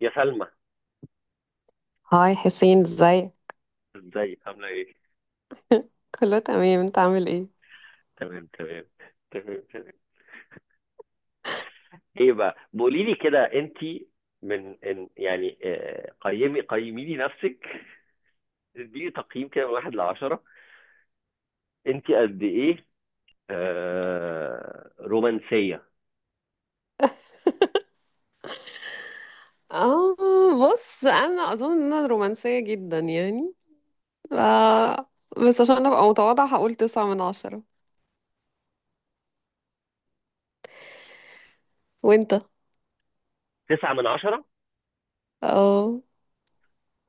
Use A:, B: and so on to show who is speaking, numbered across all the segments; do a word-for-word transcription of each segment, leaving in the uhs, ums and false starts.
A: يا سلمى،
B: هاي حسين، ازاي؟
A: ازيك عامله ايه؟
B: كله تمام، انت عامل ايه؟
A: تمام تمام. تمام تمام. ايه بقى بقولي لي كده انت؟ من إن يعني آه، قيمي قيمي لي نفسك. اديني تقييم كده من واحد لعشرة، انت قد ايه؟ آه رومانسيه.
B: اه، بص انا اظن ان انا رومانسية جدا يعني. ف... بس عشان ابقى متواضعة هقول تسعة من عشرة. وانت؟
A: تسعة من عشرة؟
B: اه،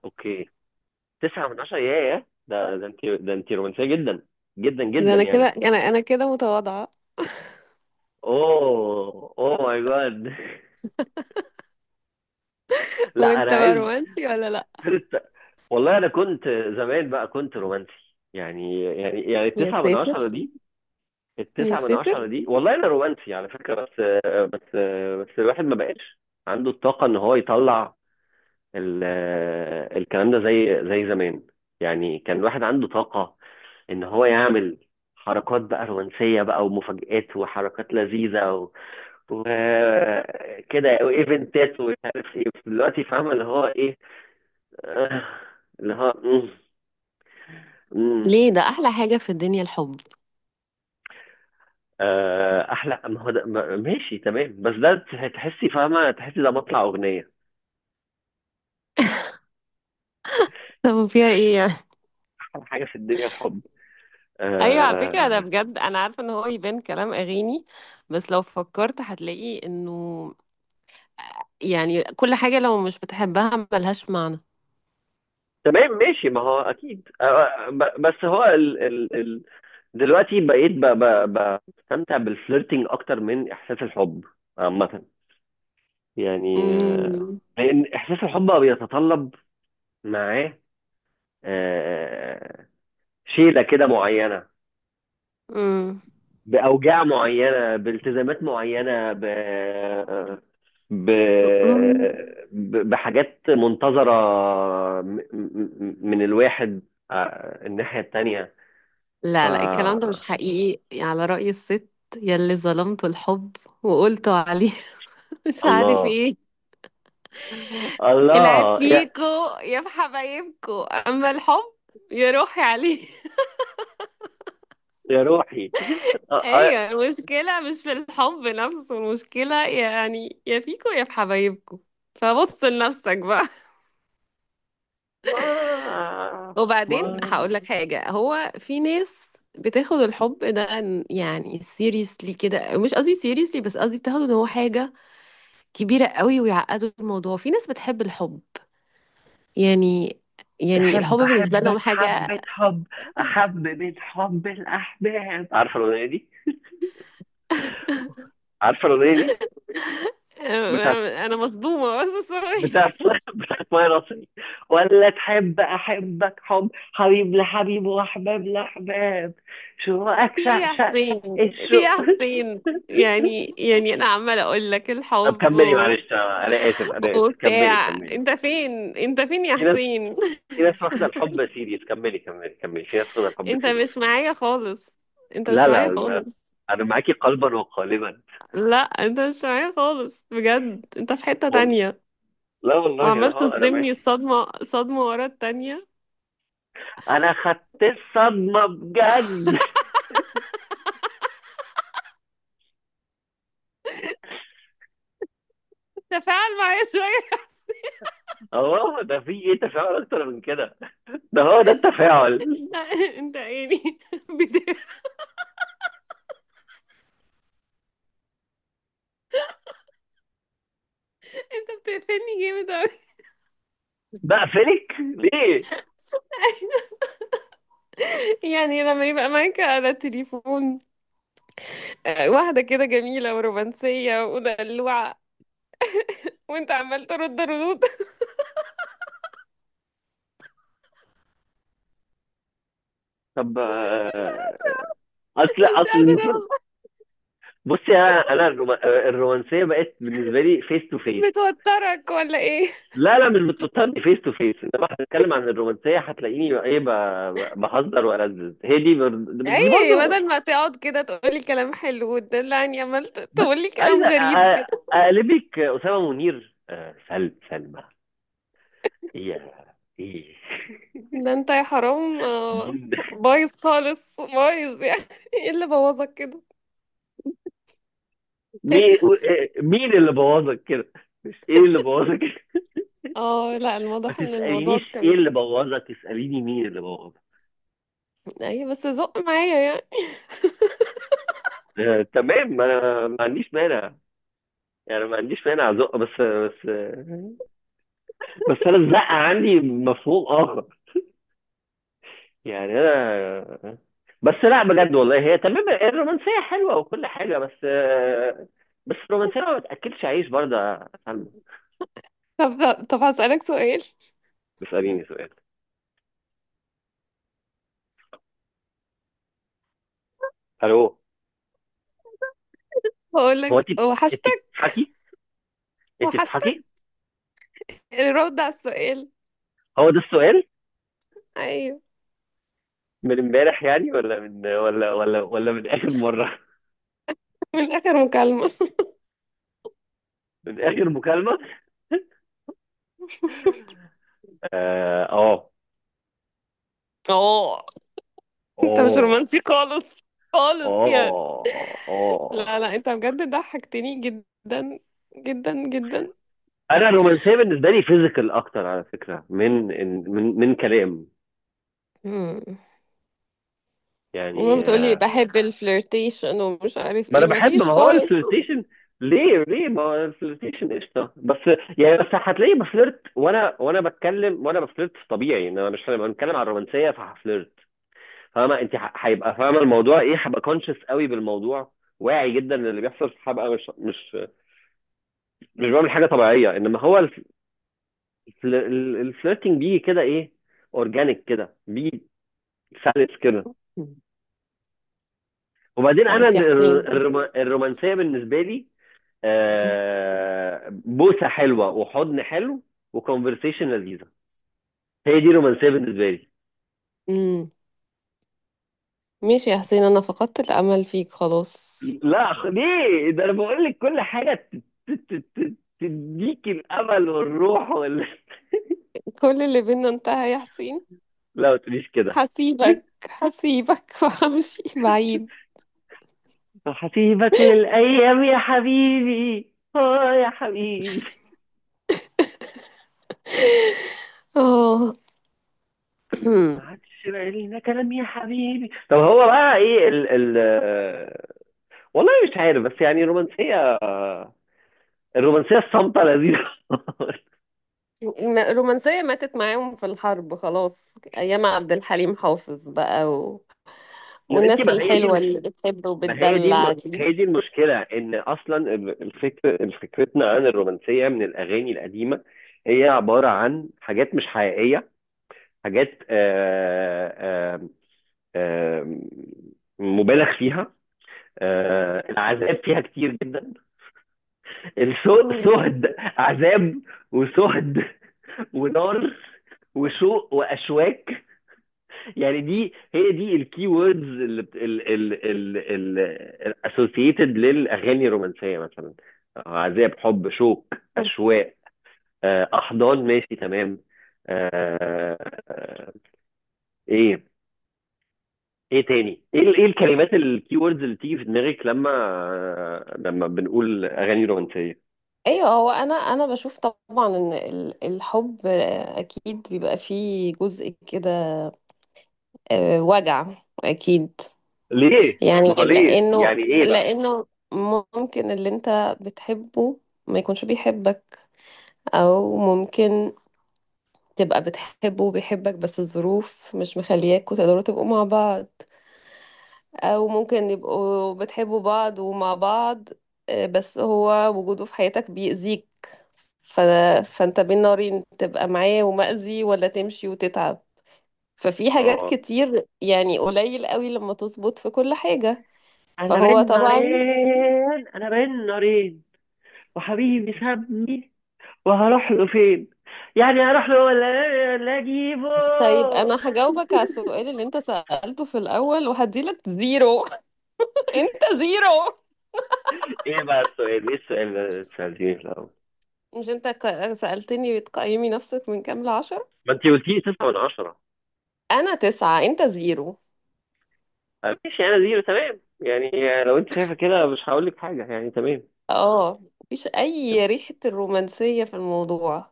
A: اوكي. تسعة من عشرة، ياه، ده ده انت، ده انت رومانسيه جدا، جدا
B: ده
A: جدا
B: انا كده،
A: يعني.
B: انا انا كده متواضعة.
A: اوه اوه ماي جاد! لا انا
B: وانت بقى
A: عايز
B: رومانسي ولا لا؟
A: فرقة. والله انا كنت، زمان بقى كنت رومانسي. يعني يعني يعني
B: يا
A: التسعة من
B: ساتر،
A: عشرة دي،
B: يا
A: التسعة من
B: ساتر.
A: عشرة دي، والله انا رومانسي على فكرة، بس بس بس الواحد ما بقاش عنده الطاقة ان هو يطلع ال- الكلام ده زي زي زمان. يعني كان الواحد عنده طاقة ان هو يعمل حركات بقى رومانسية بقى ومفاجآت وحركات لذيذة و- وكده وايفنتات ومش عارف ايه. دلوقتي فاهمة اللي هو ايه، آه، اللي هو امم
B: ليه؟ ده احلى حاجة في الدنيا الحب.
A: آه، احلى ما هو ده، ما- ماشي تمام. بس ده تح- تحسي، فاهمه، تحسي ده مطلع اغنيه.
B: طب فيها ايه يعني؟
A: احلى حاجه في الدنيا الحب؟
B: ايوه، على فكره ده
A: آه.
B: بجد، انا عارفه ان هو يبان كلام اغاني. بس لو فكرت هتلاقي انه يعني كل حاجة لو مش بتحبها ملهاش معنى.
A: تمام ماشي، ما هو اكيد آه ب- بس هو ال ال ال دلوقتي بقيت ب- ب- ب- بستمتع بالفليرتنج اكتر من احساس الحب عامه، يعني آه،
B: مم.
A: لان احساس الحب بقى بيتطلب معاه، آه شيله كده معينه،
B: مم.
A: باوجاع معينه، بالتزامات معينه، ب ب...
B: مم.
A: ب- بحاجات منتظرة م- م- من الواحد آه، الناحية التانية. ف
B: لا، لا، الكلام ده مش حقيقي يعني، على رأي الست يلي ظلمت الحب وقلت عليه، مش عارف
A: الله،
B: ايه. العيب
A: الله يا
B: فيكو، يا في حبايبكو، اما الحب يا روحي عليه.
A: يا روحي. آه، آه،
B: ايوه، المشكلة مش في الحب نفسه، المشكلة يعني يا فيكو يا في حبايبكو. فبص لنفسك بقى.
A: ما
B: وبعدين
A: ما
B: هقول لك حاجة، هو في ناس بتاخد الحب ده إن- يعني سيريسلي كده، مش قصدي سيريسلي، بس قصدي بتاخده ان هو حاجة كبيرة قوي ويعقدوا الموضوع. في ناس بتحب الحب، يعني يعني الحب
A: تحب
B: بالنسبة لهم
A: أحبك
B: حاجة.
A: حبة حب، أحب من حب الأحباب. عارفة الأغنية دي؟ عارفة الأغنية دي؟ بتاعت،
B: انا مصدومة، بس سوري.
A: بتاعت بتاعت ماي راسي. ولا تحب احبك حب حبيب لحبيب واحباب لاحباب، شوقك
B: في ايه
A: شع
B: يا
A: شع شع
B: حسين؟ في ايه يا
A: الشوق.
B: حسين؟ يعني يعني انا عمالة اقول لك
A: طب
B: الحب
A: كملي، معلش،
B: و...
A: انا اسف انا اسف، كملي
B: وبتاع،
A: كملي.
B: انت فين؟ انت فين يا
A: في ناس،
B: حسين؟
A: في ناس واخده الحب سيريس. كملي كملي كملي، في ناس واخده الحب
B: انت
A: سيريس.
B: مش معايا خالص، انت
A: لا
B: مش
A: لا
B: معايا
A: لا،
B: خالص.
A: انا معاكي قلبا وقالبا.
B: لا، انت مش معايا خالص بجد، انت في حتة
A: وال-
B: تانية.
A: لا والله انا،
B: وعمال
A: اه انا
B: تصدمني
A: معاكي.
B: صدمة صدمة ورا التانية.
A: انا خدت الصدمه بجد.
B: تفاعل معايا شوية.
A: اه، ده في ايه؟ تفاعل اكتر من كده؟ ده هو ده التفاعل.
B: لا، انت يعني بت... انت بتقتلني جامد اوي.
A: بقفلك ليه؟
B: يعني لما يبقى معاك على التليفون آه، واحدة كده جميلة ورومانسية ودلوعة، وانت عمال ترد ردود.
A: طب آه، اصل
B: مش
A: اصل
B: قادرة
A: المفروض،
B: والله.
A: بصي، انا انا الروما- آه، الرومانسيه بقت بالنسبه لي فيس تو فيس.
B: بتوترك ولا ايه؟
A: لا لا، مش بتضطرني فيس تو فيس، انما هنتكلم عن الرومانسيه هتلاقيني ايه ب- ب- بهزر والذذ، هي دي بر- دي برضه
B: اي،
A: رو-
B: بدل ما تقعد كده تقولي كلام حلو وتدلعني، عمال
A: بس
B: تقولي
A: عايز
B: كلام
A: أ-
B: غريب
A: أ-
B: كده.
A: اقلبك اسامه منير. آه، سل سلمى! ايه؟ ايه؟
B: ده انت يا حرام، آه،
A: مين؟
B: بايظ خالص، بايظ يعني. ايه اللي بوظك كده؟
A: مين مين اللي بوظك كده؟ مش ايه اللي بوظك.
B: اه، لا،
A: ما
B: الواضح ان الموضوع
A: تسألينيش ايه
B: كان...
A: اللي بوظها، تسأليني مين اللي بوظها.
B: اي بس زق معايا يعني.
A: آه، تمام، ما انا ما عنديش مانع، يعني ما عنديش مانع ازق، بس بس. بس انا الزقه عندي مفهوم اخر. يعني انا، بس لا بجد والله، هي تمام الرومانسيه حلوه وكل حاجه بس، آه، بس الرومانسيه ما بتاكلش عيش برضه يا سلمى.
B: طب طب هسألك سؤال.
A: بيساليني سؤال. الو؟ هو انت،
B: هقولك
A: انت
B: وحشتك.
A: بتضحكي، انت
B: وحشتك؟
A: بتضحكي.
B: الرد على السؤال.
A: هو ده السؤال؟
B: ايوه.
A: من امبارح يعني، ولا من ولا ولا ولا من اخر مره،
B: من اخر مكالمة.
A: من اخر مكالمه. اه
B: اه، انت مش
A: اه.
B: رومانسي خالص،
A: اه
B: خالص يعني.
A: اه. اه.
B: لا، لا، انت بجد ضحكتني جدا، جدا، جدا.
A: انا الرومانسيه بالنسبه لي فيزيكال اكتر على فكره، من من من كلام،
B: مم.
A: يعني
B: وما بتقولي
A: آه،
B: بحب الفلirtation ومش عارف
A: ما انا
B: ايه،
A: بحب،
B: مفيش
A: ما هو
B: خالص.
A: الفلirtation، ليه ليه ما هو الفلirtation قشطه بس. يعني بس هتلاقيني بفلرت وانا، وانا بتكلم وانا بفلرت في طبيعي. ان انا مش لما بنتكلم عن الرومانسيه فهفلرت، فاهمه انت؟ ه- هيبقى، فاهمه الموضوع ايه، هبقى كونشس قوي بالموضوع، واعي جدا للي بيحصل. هبقى مش مش مش بعمل حاجه طبيعيه، انما هو الف- الفل- الفليرتنج بيجي كده، ايه، اورجانيك كده بيجي، سلس كده. وبعدين انا
B: خلاص يا
A: ال-
B: حسين.
A: الروما- الرومانسيه بالنسبه لي آه، بوسه حلوه وحضن حلو وكونفرسيشن لذيذه. هي دي رومانسيه بالنسبه لي.
B: امم ماشي يا حسين، انا فقدت الامل فيك خلاص.
A: لا خ- ليه؟ ده انا بقول لك كل حاجه ت- ت- ت- ت- تديك الامل والروح وال...
B: كل اللي بينا انتهى يا حسين.
A: لا ما تقوليش كده.
B: هسيبك، هسيبك، وهمشي بعيد.
A: هسيبك للايام يا حبيبي، اه يا حبيبي.
B: اه.
A: ما عادش بقى لينا كلام يا حبيبي. طب هو بقى ايه ال ال آه، والله مش عارف، بس يعني الرومانسيه، آه، الرومانسيه الصامته لذيذه.
B: الم- الرومانسية ماتت معاهم في الحرب خلاص، ايام عبد الحليم حافظ بقى و...
A: يا بنتي
B: والناس
A: ما هي دي
B: الحلوة اللي
A: المش...
B: بتحب
A: ما هي دي الم...
B: وبتدلع دي.
A: هي دي المشكله، ان اصلا ال- الفكر فكرتنا عن الرومانسيه من الاغاني القديمه، هي عباره عن حاجات مش حقيقيه، حاجات آه آه آه مبالغ فيها. آه العذاب فيها كتير جدا،
B: مم.
A: السهد عذاب، وسهد ونار وشوق واشواك. يعني دي، هي دي الكي ووردز الاسوسييتد للاغاني الرومانسيه مثلا، آه، عذاب، حب، شوق، اشواق، آه، احضان، ماشي تمام. آه، آه، ايه؟ ايه تاني؟ ايه ال- ايه الكلمات، الكي ووردز اللي بتيجي في دماغك لما لما بنقول اغاني رومانسيه؟
B: ايوه، هو انا انا بشوف طبعا ان ال- الحب اكيد بيبقى فيه جزء كده، آه، وجع. اكيد.
A: ليه؟
B: يعني
A: ما هو ليه
B: لانه
A: يعني؟ ايه بقى؟
B: لانه ممكن اللي انت بتحبه ما يكونش بيحبك، او ممكن تبقى بتحبه وبيحبك بس الظروف مش مخلياكوا تقدروا تبقوا مع بعض، او ممكن يبقوا بتحبوا بعض ومع بعض آه، بس هو وجوده في حياتك بيأذيك. ف... فانت بين نارين، تبقى معاه ومأذي ولا تمشي وتتعب. ففي حاجات
A: اه،
B: كتير يعني، قليل قوي لما تظبط في كل حاجة.
A: انا
B: فهو
A: بين
B: طبعا...
A: نارين، انا بين نارين، وحبيبي سابني، وهروح له فين؟ يعني هروح له ولا إيه؟ ولا اجيبه؟
B: طيب، انا هجاوبك على السؤال اللي انت سألته في الاول، وهديلك زيرو. انت زيرو.
A: ايه بقى السؤال؟ ايه السؤال اللي انت سالتيه في الاول؟
B: مش انت ك- سألتني بتقيمي نفسك من كام لعشرة؟
A: ما انت قلتيه تسعة من عشرة.
B: انا تسعة، انت زيرو.
A: آه، ماشي، انا زيرو تمام يعني. لو انت شايفه كده مش هقول لك حاجه يعني، تمام.
B: اه، مفيش اي ريحة الرومانسية في الموضوع.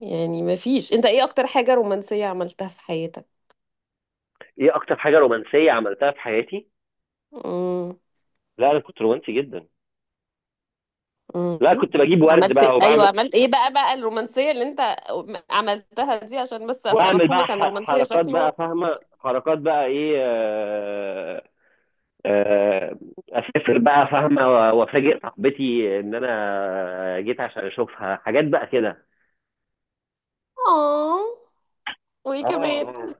B: يعني مفيش. انت ايه اكتر حاجة رومانسية عملتها في حياتك؟
A: ايه اكتر حاجه رومانسيه عملتها في حياتي؟
B: مم.
A: لا انا كنت رومانسي جدا.
B: مم.
A: لا كنت بجيب ورد
B: عملت إيه؟
A: بقى،
B: ايوه،
A: وبعمل،
B: عملت ايه بقى بقى الرومانسية اللي انت عملتها دي، عشان بس ابقى
A: واعمل بقى
B: مفهومك عن
A: ح-
B: الرومانسية
A: حركات بقى،
B: شكله.
A: فاهمه، حركات بقى ايه، آه، آه، اسافر بقى، فاهمه، و- وافاجئ صاحبتي ان انا جيت عشان اشوفها، حاجات بقى كده.
B: اه، وايه
A: اه
B: كمان؟
A: اه.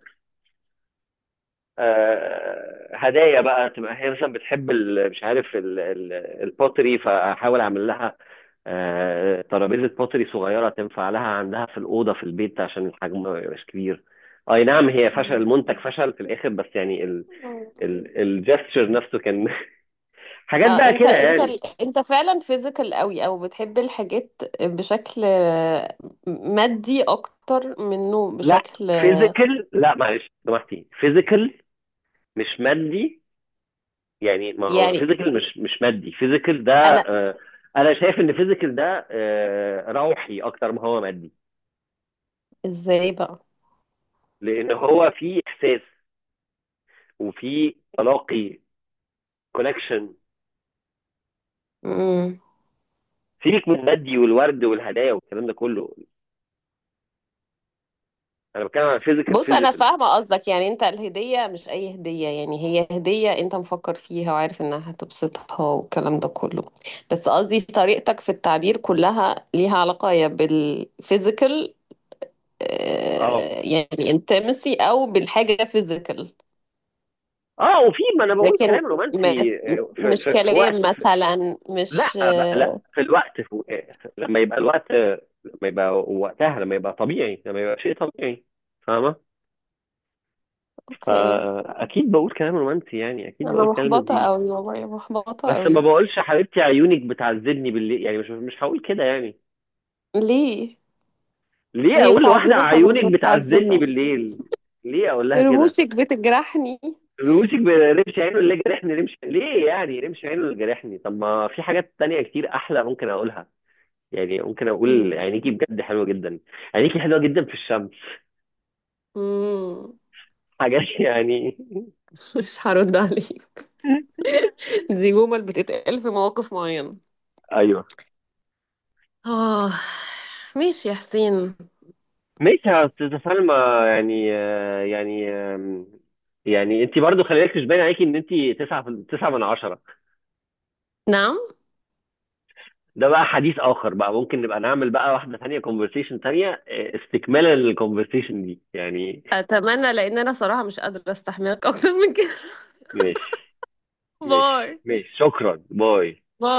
A: آه، هدايا بقى، تبقى هي مثلا بتحب ال- مش عارف ال- ال البوتري، فاحاول اعمل لها آه، ترابيزه بوتري صغيره تنفع لها عندها في الاوضه في البيت، عشان الحجم ما يبقاش كبير. اي نعم، هي فشل،
B: مم.
A: المنتج فشل في الاخر بس يعني،
B: مم.
A: الجستشر نفسه كان، حاجات
B: اه،
A: بقى
B: انت
A: كده
B: انت
A: يعني.
B: ال- انت فعلا فيزيكال قوي، او بتحب الحاجات بشكل مادي اكتر منه
A: لا
B: بشكل.
A: فيزيكال، لا معلش سامحتي، فيزيكال مش مادي. يعني ما هو
B: يعني
A: فيزيكال مش مش مادي. فيزيكال ده
B: انا.
A: آه، انا شايف ان فيزيكال ده آه، روحي اكتر ما هو مادي،
B: ازاي بقى؟
A: لان هو فيه احساس وفيه تلاقي، كونكشن.
B: مم.
A: سيبك من المادي والورد والهدايا والكلام ده كله، انا بتكلم عن فيزيكال
B: بص، انا
A: فيزيكال.
B: فاهمه قصدك، يعني انت الهديه مش اي هديه، يعني هي هديه انت مفكر فيها وعارف انها هتبسطها والكلام ده كله. بس قصدي طريقتك في التعبير كلها ليها علاقه يا بالفيزيكال،
A: اه
B: يعني انتمسي، او بالحاجه فيزيكال.
A: اه. وفي ما انا بقول
B: لكن
A: كلام
B: م...
A: رومانسي آه، في,
B: مش
A: في, في
B: كلام
A: وقت.
B: مثلا، مش...
A: لا بقى، لا في الوقت، في لما يبقى الوقت، لما يبقى وقتها، لما يبقى طبيعي، لما يبقى شيء طبيعي، فاهمة؟
B: اوكي.
A: فأكيد بقول كلام رومانسي يعني، أكيد
B: انا
A: بقول كلام
B: محبطة
A: لذيذ،
B: قوي والله، محبطة
A: بس ما
B: قوي.
A: بقولش حبيبتي عيونك بتعذبني بالليل، يعني مش مش هقول كده يعني.
B: ليه؟
A: ليه
B: هي
A: أقول لواحدة
B: بتعذبك وانا
A: عيونك
B: مش
A: بتعذبني
B: متعذبة؟
A: بالليل؟ ليه أقول لها كده؟
B: رموشك بتجرحني؟
A: رموشك برمش عينه اللي جرحني، رمش ليه يعني؟ رمش عينه اللي جرحني، طب ما في حاجات تانية كتير أحلى ممكن أقولها. يعني ممكن أقول عينيكي بجد حلوة جدا، عينيكي حلوة جدا في الشمس،
B: مم.
A: حاجات، يعني
B: مش هرد عليك. دي جمل بتتقال في مواقف معينة.
A: ايوه،
B: اه. ماشي يا حسين.
A: ماشي يا استاذة سلمى. يعني آه، يعني آم، يعني انت برضو خلي بالك، مش باين عليكي ان انت تسعة، في- تسعة من عشرة.
B: نعم؟
A: ده بقى حديث اخر بقى، ممكن نبقى نعمل بقى واحدة تانية، كونفرسيشن تانية، آه، استكمالا للكونفرسيشن دي يعني.
B: اتمنى، لان انا صراحة مش قادرة استحملك اكتر من كده.
A: ماشي.
B: باي.
A: ماشي ماشي شكرا، باي.
B: باي.